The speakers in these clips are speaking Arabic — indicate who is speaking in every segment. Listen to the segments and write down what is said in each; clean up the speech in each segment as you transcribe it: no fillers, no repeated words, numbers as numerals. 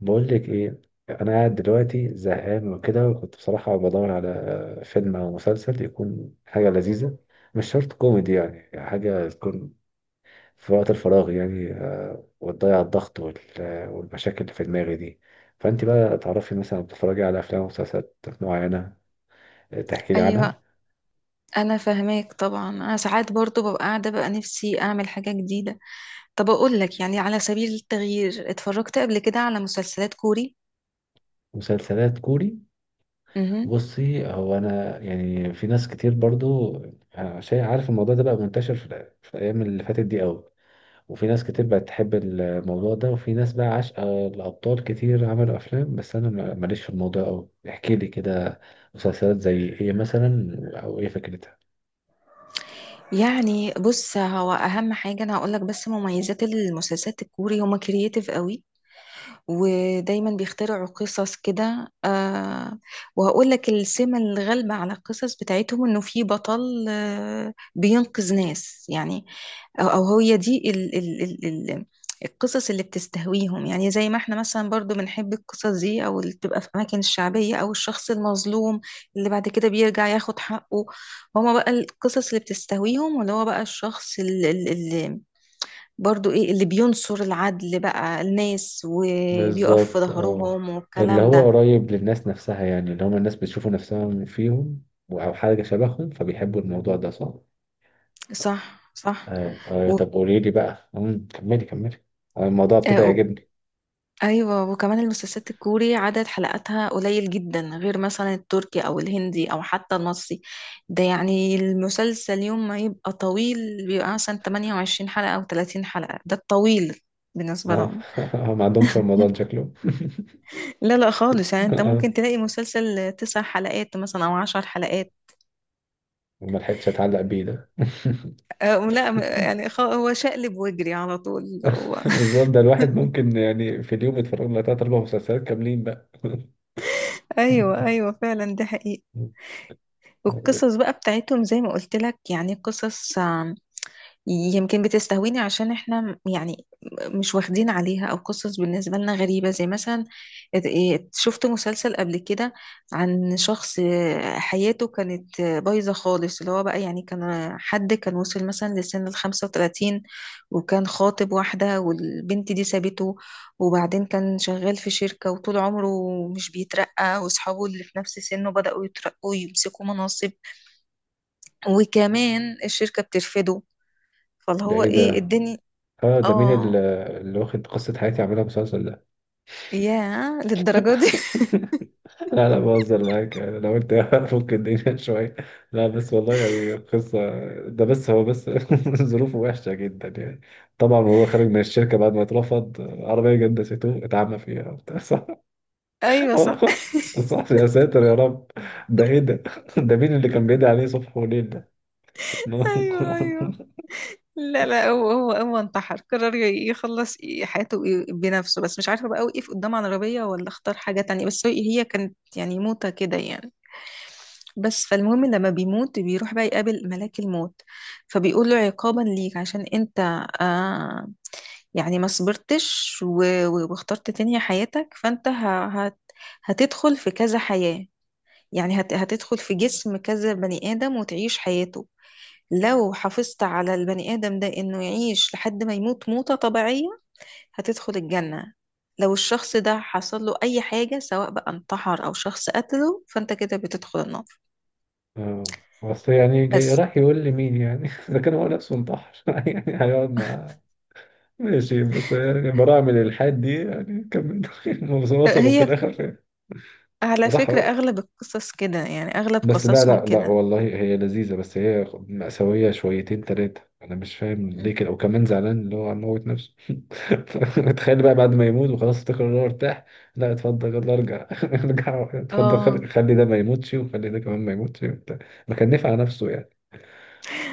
Speaker 1: بقول لك ايه. انا قاعد دلوقتي زهقان وكده، وكنت بصراحه بدور على فيلم او مسلسل يكون حاجه لذيذه، مش شرط كوميدي، يعني حاجه تكون في وقت الفراغ يعني وتضيع الضغط والمشاكل اللي في دماغي دي. فانت بقى تعرفي مثلا بتتفرجي على افلام ومسلسلات معينه تحكي لي
Speaker 2: ايوه،
Speaker 1: عنها.
Speaker 2: انا فاهماك طبعا. انا ساعات برضو ببقى قاعده بقى نفسي اعمل حاجه جديده. طب اقول لك يعني على سبيل التغيير اتفرجت قبل كده على مسلسلات كوري.
Speaker 1: مسلسلات كوري؟
Speaker 2: امم.
Speaker 1: بصي، هو انا يعني في ناس كتير برضو شايف، عارف الموضوع ده بقى منتشر في في الايام اللي فاتت دي قوي، وفي ناس كتير بقت تحب الموضوع ده، وفي ناس بقى عاشقة الأبطال، كتير عملوا أفلام، بس أنا ماليش في الموضوع أوي، احكي لي كده. مسلسلات زي إيه مثلا؟ أو إيه فكرتها؟
Speaker 2: بص هو اهم حاجه انا هقول لك بس مميزات المسلسلات الكوري هما كرييتيف قوي. ودايما بيخترعوا قصص كده. وهقول لك السمة الغالبة على القصص بتاعتهم انه في بطل بينقذ ناس يعني. او هي دي ال القصص اللي بتستهويهم، يعني زي ما احنا مثلا برضو بنحب القصص دي او اللي بتبقى في اماكن الشعبية او الشخص المظلوم اللي بعد كده بيرجع ياخد حقه. هما بقى القصص اللي بتستهويهم، واللي هو بقى الشخص اللي برضو ايه اللي بينصر العدل بقى الناس وبيقف في
Speaker 1: بالظبط، اه.
Speaker 2: ظهرهم
Speaker 1: اللي
Speaker 2: والكلام
Speaker 1: هو
Speaker 2: ده.
Speaker 1: قريب للناس نفسها، يعني اللي هم الناس بتشوفوا نفسهم فيهم أو حاجة شبههم، فبيحبوا الموضوع ده، صح؟
Speaker 2: صح، صح.
Speaker 1: آه. آه.
Speaker 2: و...
Speaker 1: طب قولي لي بقى. كملي كملي. آه، الموضوع ابتدى
Speaker 2: آه، و...
Speaker 1: يعجبني.
Speaker 2: ايوه، وكمان المسلسلات الكوري عدد حلقاتها قليل جدا، غير مثلا التركي او الهندي او حتى المصري. ده يعني المسلسل يوم ما يبقى طويل بيبقى مثلا 28 حلقة او 30 حلقة، ده الطويل بالنسبة
Speaker 1: آه.
Speaker 2: لهم.
Speaker 1: ما عندهمش رمضان شكله.
Speaker 2: لا، لا خالص، يعني
Speaker 1: آه.
Speaker 2: انت
Speaker 1: آه.
Speaker 2: ممكن تلاقي مسلسل تسع حلقات مثلا او عشر حلقات.
Speaker 1: ما لحقتش أتعلق بيه ده.
Speaker 2: لا، هو شقلب واجري على طول هو
Speaker 1: بالظبط، ده الواحد ممكن يعني في اليوم يتفرج له تلات أربع مسلسلات كاملين بقى.
Speaker 2: ايوه، ايوه، فعلا ده حقيقي. والقصص بقى بتاعتهم زي ما قلت لك يعني قصص يمكن بتستهويني عشان احنا يعني مش واخدين عليها، او قصص بالنسبة لنا غريبة. زي مثلا شفت مسلسل قبل كده عن شخص حياته كانت بايظة خالص. اللي هو بقى يعني كان حد كان وصل مثلا لسن ال35، وكان خاطب واحدة والبنت دي سابته، وبعدين كان شغال في شركة وطول عمره مش بيترقى، واصحابه اللي في نفس سنه بدأوا يترقوا ويمسكوا مناصب، وكمان الشركة بترفضه، فاللي
Speaker 1: ده
Speaker 2: هو
Speaker 1: إيه
Speaker 2: ايه
Speaker 1: ده؟
Speaker 2: الدنيا.
Speaker 1: آه، ده مين
Speaker 2: اه،
Speaker 1: اللي واخد قصة حياتي عاملها مسلسل ده؟
Speaker 2: ياه للدرجة دي
Speaker 1: لا لا، بهزر معاك يعني، لو أنت ممكن الدنيا شوية. لا بس والله يعني قصة، ده بس هو بس. ظروفه وحشة جدا يعني. طبعا هو خارج من الشركة بعد ما اترفض، عربية جنسيته اتعمى فيها وبتاع، صح؟
Speaker 2: ايوه، صح.
Speaker 1: صح يا ساتر يا رب. ده إيه ده؟ ده مين اللي كان بيدعي عليه صبح وليل؟ اه.
Speaker 2: ايوه، ايوه. لا، لا، هو انتحر، قرر يخلص حياته بنفسه. بس مش عارفة بقى وقف قدام عربية ولا اختار حاجة تانية، بس هي كانت يعني موتة كده يعني. بس فالمهم لما بيموت بيروح بقى يقابل ملاك الموت، فبيقول له عقابا ليك عشان انت آه يعني ما صبرتش واخترت تنهي حياتك، فانت هتدخل في كذا حياة. يعني هتدخل في جسم كذا بني آدم وتعيش حياته. لو حافظت على البني آدم ده إنه يعيش لحد ما يموت موتة طبيعية، هتدخل الجنة. لو الشخص ده حصل له أي حاجة، سواء بقى انتحر أو شخص قتله، فأنت كده بتدخل النار.
Speaker 1: بس يعني جاي
Speaker 2: بس
Speaker 1: راح يقول لي مين يعني، اذا كان هو نفسه انتحر يعني هيقعد مع. ماشي، بس يعني براعم الالحاد دي يعني كملوا، وصلوا في
Speaker 2: هي
Speaker 1: الاخر فين؟
Speaker 2: على
Speaker 1: راح.
Speaker 2: فكرة أغلب القصص كده، يعني أغلب
Speaker 1: بس لا
Speaker 2: قصصهم
Speaker 1: لا لا،
Speaker 2: كده.
Speaker 1: والله هي لذيذة، بس هي مأساوية شويتين تلاتة، أنا مش فاهم
Speaker 2: مم.
Speaker 1: ليه كده، وكمان زعلان اللي هو هيموت نفسه. تخيل بقى بعد ما يموت وخلاص افتكر إن هو ارتاح، لا اتفضل يلا ارجع، ارجع اتفضل، خلي
Speaker 2: اه،
Speaker 1: خلي ده ما يموتش، وخلي ده كمان ما يموتش وبتاع، ما كان نفع نفسه يعني.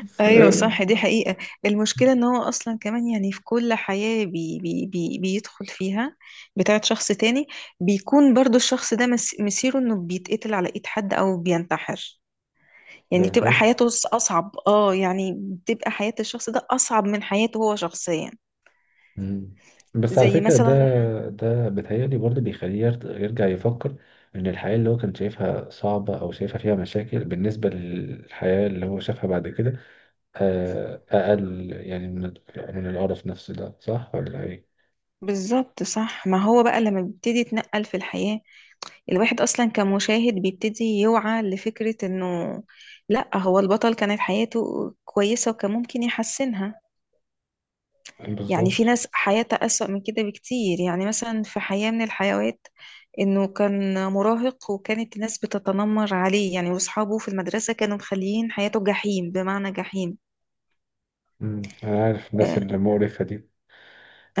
Speaker 1: بس
Speaker 2: ايوه، صح، دي
Speaker 1: ده.
Speaker 2: حقيقة. المشكلة ان هو اصلا كمان يعني في كل حياة بي بيدخل فيها بتاعت شخص تاني، بيكون برضو الشخص ده مصيره انه بيتقتل على ايد حد او بينتحر. يعني بتبقى
Speaker 1: بجد.
Speaker 2: حياته اصعب، اه، يعني بتبقى حياة الشخص ده اصعب من حياته هو شخصيا.
Speaker 1: مم. بس على
Speaker 2: زي
Speaker 1: فكرة ده
Speaker 2: مثلا
Speaker 1: ده بيتهيألي برضه بيخليه يرجع يفكر إن الحياة اللي هو كان شايفها صعبة أو شايفها فيها مشاكل، بالنسبة للحياة اللي هو شافها بعد كده، أقل يعني من القرف نفسه ده، صح ولا إيه؟
Speaker 2: بالظبط، صح. ما هو بقى لما بيبتدي يتنقل في الحياة، الواحد أصلا كمشاهد بيبتدي يوعى لفكرة إنه لأ، هو البطل كانت حياته كويسة وكان ممكن يحسنها. يعني في
Speaker 1: بالظبط.
Speaker 2: ناس حياتها أسوأ من كده بكتير. يعني مثلا في حياة من الحيوات إنه كان مراهق وكانت الناس بتتنمر عليه، يعني وأصحابه في المدرسة كانوا مخليين حياته جحيم بمعنى جحيم.
Speaker 1: مم. أنا عارف الناس
Speaker 2: آه،
Speaker 1: اللي مقرفة دي.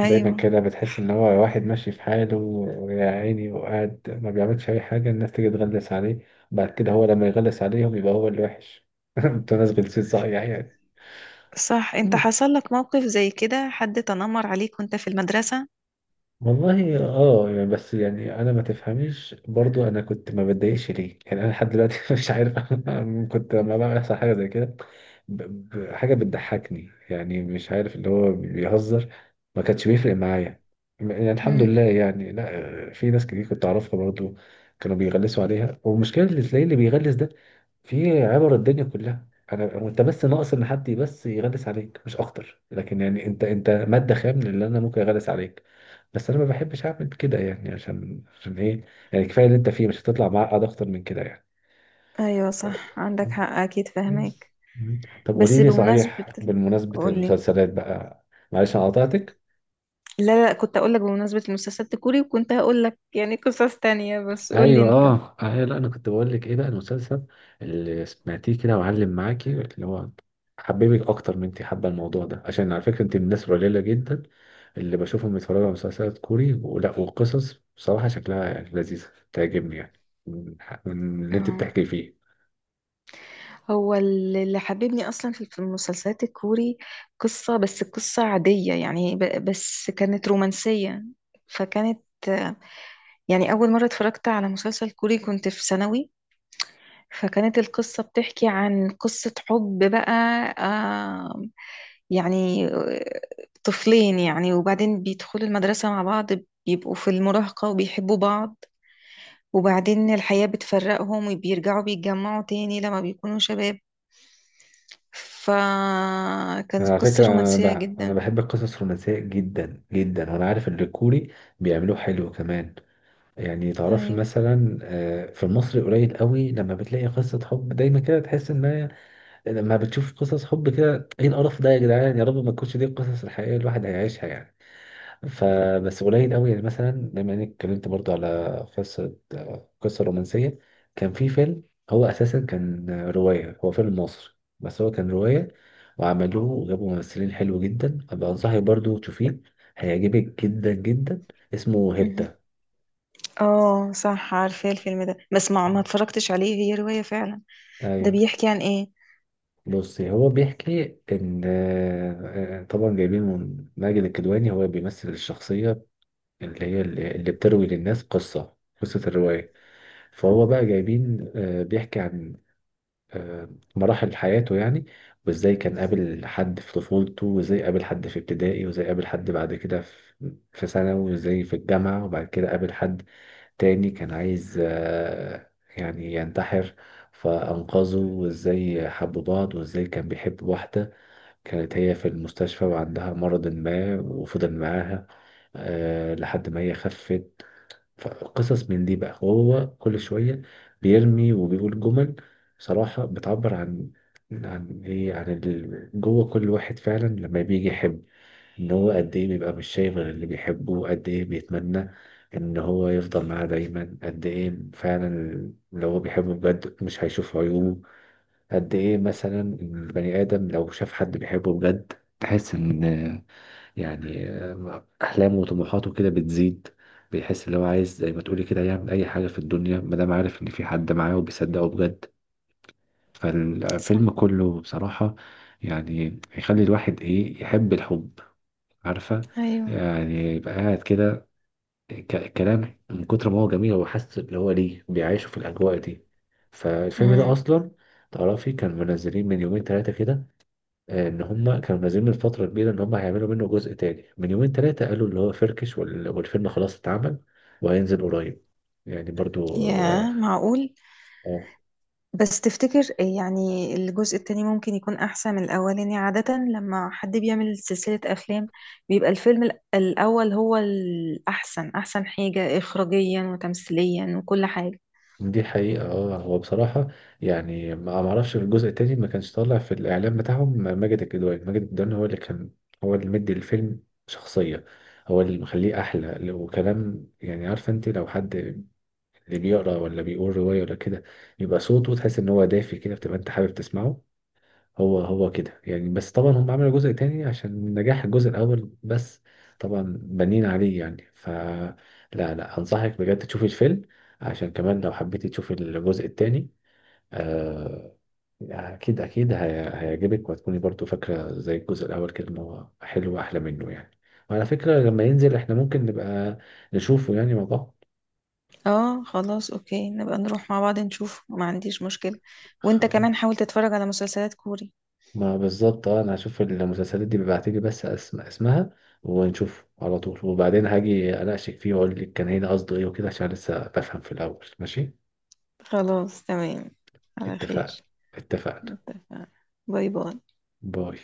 Speaker 1: دايما كده بتحس ان هو واحد ماشي في حاله ويا عيني، وقاعد ما بيعملش اي حاجه، الناس تيجي تغلس عليه، بعد كده هو لما يغلس عليهم يبقى هو اللي وحش. انتوا ناس غلسين صحيح يعني.
Speaker 2: صح. أنت حصل لك موقف زي كده حد تنمر عليك وأنت في المدرسة؟
Speaker 1: والله اه يعني، بس يعني انا ما تفهميش برضو، انا كنت ما بتضايقش ليه يعني، انا لحد دلوقتي مش عارف، أنا كنت لما بقى بيحصل حاجه زي كده حاجه بتضحكني يعني، مش عارف اللي هو بيهزر ما كانش بيفرق معايا يعني، الحمد
Speaker 2: مم.
Speaker 1: لله يعني. لا في ناس كتير كنت اعرفها برضو كانوا بيغلسوا عليها، والمشكله اللي تلاقيه اللي بيغلس ده في عبر الدنيا كلها انا وانت، بس ناقص ان حد بس يغلس عليك مش اكتر، لكن يعني انت ماده خام للي انا ممكن اغلس عليك، بس انا ما بحبش اعمل كده يعني، عشان ايه، يعني كفايه اللي انت فيه، مش هتطلع معقد اكتر من كده يعني.
Speaker 2: أيوه، صح، عندك حق، أكيد
Speaker 1: بس.
Speaker 2: فهمك.
Speaker 1: مم. طب
Speaker 2: بس
Speaker 1: قولي لي
Speaker 2: بمناسبة،
Speaker 1: صحيح بالمناسبه،
Speaker 2: قول لي.
Speaker 1: المسلسلات بقى. معلش انا قطعتك.
Speaker 2: لا، لا، كنت اقول لك بمناسبة المسلسلات الكوري، وكنت هقول لك يعني قصص تانية، بس قول لي
Speaker 1: ايوه
Speaker 2: انت.
Speaker 1: اه اه، لا انا كنت بقول لك ايه بقى، المسلسل اللي سمعتيه كده وعلم معاكي، اللي هو حببك اكتر من انت حابه الموضوع ده، عشان على فكره انت من الناس القليله جدا اللي بشوفهم بيتفرجوا على مسلسلات كوري ولا، وقصص بصراحه شكلها يعني لذيذه تعجبني، يعني من اللي انت
Speaker 2: اه،
Speaker 1: بتحكي فيه.
Speaker 2: هو اللي حببني اصلا في المسلسلات الكوري قصة، بس قصة عادية يعني، بس كانت رومانسية. فكانت آه، يعني اول مرة اتفرجت على مسلسل كوري كنت في ثانوي، فكانت القصة بتحكي عن قصة حب بقى. آه، يعني طفلين يعني، وبعدين بيدخلوا المدرسة مع بعض، بيبقوا في المراهقة وبيحبوا بعض، وبعدين الحياة بتفرقهم وبيرجعوا بيتجمعوا تاني لما بيكونوا شباب. فكانت
Speaker 1: على
Speaker 2: قصة
Speaker 1: فكرة أنا
Speaker 2: رومانسية
Speaker 1: بقى أنا
Speaker 2: جدا.
Speaker 1: بحب القصص الرومانسية جدا جدا، وأنا عارف إن الكوري بيعملوه حلو كمان. يعني تعرفي
Speaker 2: أيوة.
Speaker 1: مثلا، في المصري قليل قوي لما بتلاقي قصة حب دايما كده تحس إن هي، لما بتشوف قصص حب كده إيه القرف ده يا جدعان، يا رب ما تكونش دي القصص الحقيقية الواحد هيعيشها يعني. فبس قليل قوي يعني، مثلا بما اني اتكلمت برضو على قصه رومانسيه، كان في فيلم، هو اساسا كان روايه، هو فيلم مصري بس هو كان روايه، وعملوه وجابوا ممثلين حلو جدا، ابقى انصحك برضو تشوفيه، هيعجبك جدا جدا، اسمه
Speaker 2: مهم.
Speaker 1: هيبتا.
Speaker 2: اه، صح، عارفة الفيلم ده، بس ما اتفرجتش عليه، هي رواية فعلا. ده
Speaker 1: ايوه.
Speaker 2: بيحكي عن ايه؟
Speaker 1: بصي، هو بيحكي ان طبعا جايبين من ماجد الكدواني، هو بيمثل الشخصيه اللي هي اللي اللي بتروي للناس قصة الرواية. فهو بقى جايبين، بيحكي عن آه، مراحل حياته يعني، وازاي كان قابل حد في طفولته، وازاي قابل حد في ابتدائي، وازاي قابل حد بعد كده في ثانوي، وازاي في الجامعة، وبعد كده قابل حد تاني كان عايز يعني ينتحر فأنقذه، وازاي حبوا بعض، وازاي كان بيحب واحدة كانت هي في المستشفى وعندها مرض ما وفضل معاها لحد ما هي خفت. فقصص من دي بقى، وهو كل شوية بيرمي وبيقول جمل صراحة بتعبر عن جوه كل واحد فعلا لما بيجي يحب، ان هو قد ايه بيبقى مش شايف غير اللي بيحبه، قد ايه بيتمنى ان هو يفضل معاه دايما، قد ايه فعلا لو هو بيحبه بجد مش هيشوف عيوبه، قد ايه مثلا البني ادم لو شاف حد بيحبه بجد تحس ان، يعني أحلامه وطموحاته كده بتزيد، بيحس اللي هو عايز زي ما تقولي كده يعمل أي حاجة في الدنيا ما دام عارف إن في حد معاه وبيصدقه بجد، فالفيلم
Speaker 2: صح،
Speaker 1: كله بصراحة يعني يخلي الواحد إيه، يحب الحب، عارفة؟
Speaker 2: ايوه.
Speaker 1: يعني يبقى قاعد كده كلام من كتر ما هو جميل هو حاسس اللي هو ليه بيعيشه في الأجواء دي. فالفيلم ده
Speaker 2: امم
Speaker 1: أصلا تعرفي كان منزلين من يومين ثلاثة كده، ان هم كانوا نازلين من فتره كبيره ان هم هيعملوا منه جزء تاني، من يومين ثلاثه قالوا اللي هو فركش، والفيلم خلاص اتعمل وهينزل قريب يعني، برضو اه.
Speaker 2: يا معقول.
Speaker 1: آه،
Speaker 2: بس تفتكر يعني الجزء التاني ممكن يكون أحسن من الأولاني؟ عادة لما حد بيعمل سلسلة أفلام بيبقى الفيلم الأول هو الأحسن، أحسن حاجة إخراجيا وتمثيليا وكل حاجة.
Speaker 1: دي حقيقه اه، هو بصراحه يعني ما اعرفش، في الجزء التاني ما كانش طالع في الاعلان بتاعهم ماجد الكدواني، ماجد الكدواني هو اللي كان هو اللي مدي الفيلم شخصيه، هو اللي مخليه احلى وكلام، يعني عارفه، انت لو حد اللي بيقرا ولا بيقول روايه ولا كده، يبقى صوته تحس ان هو دافي كده، بتبقى انت حابب تسمعه. هو كده يعني، بس طبعا هم عملوا جزء تاني عشان نجاح الجزء الأول، بس طبعا بنين عليه يعني، فلا لا لا، أنصحك بجد تشوفي الفيلم، عشان كمان لو حبيتي تشوفي الجزء التاني، آه يعني أكيد أكيد هيعجبك، وهتكوني برضو فاكرة زي الجزء الأول كده إن هو حلو، وأحلى منه يعني، وعلى فكرة لما ينزل إحنا ممكن نبقى نشوفه يعني مع بعض.
Speaker 2: اه، خلاص، أوكي، نبقى نروح مع بعض نشوف، ما عنديش مشكلة. وانت
Speaker 1: خلاص.
Speaker 2: كمان حاول تتفرج على مسلسلات كوري.
Speaker 1: ما بالظبط اه، انا هشوف المسلسلات دي بيبعتلي بس اسمها، ونشوف على طول، وبعدين هاجي اناقشك فيه واقول لك كان هنا قصده ايه وكده، عشان لسه بفهم في الاول، ماشي؟
Speaker 2: خلاص، تمام. على خير.
Speaker 1: اتفقنا. اتفقنا.
Speaker 2: اتفقنا. باي، باي.
Speaker 1: باي.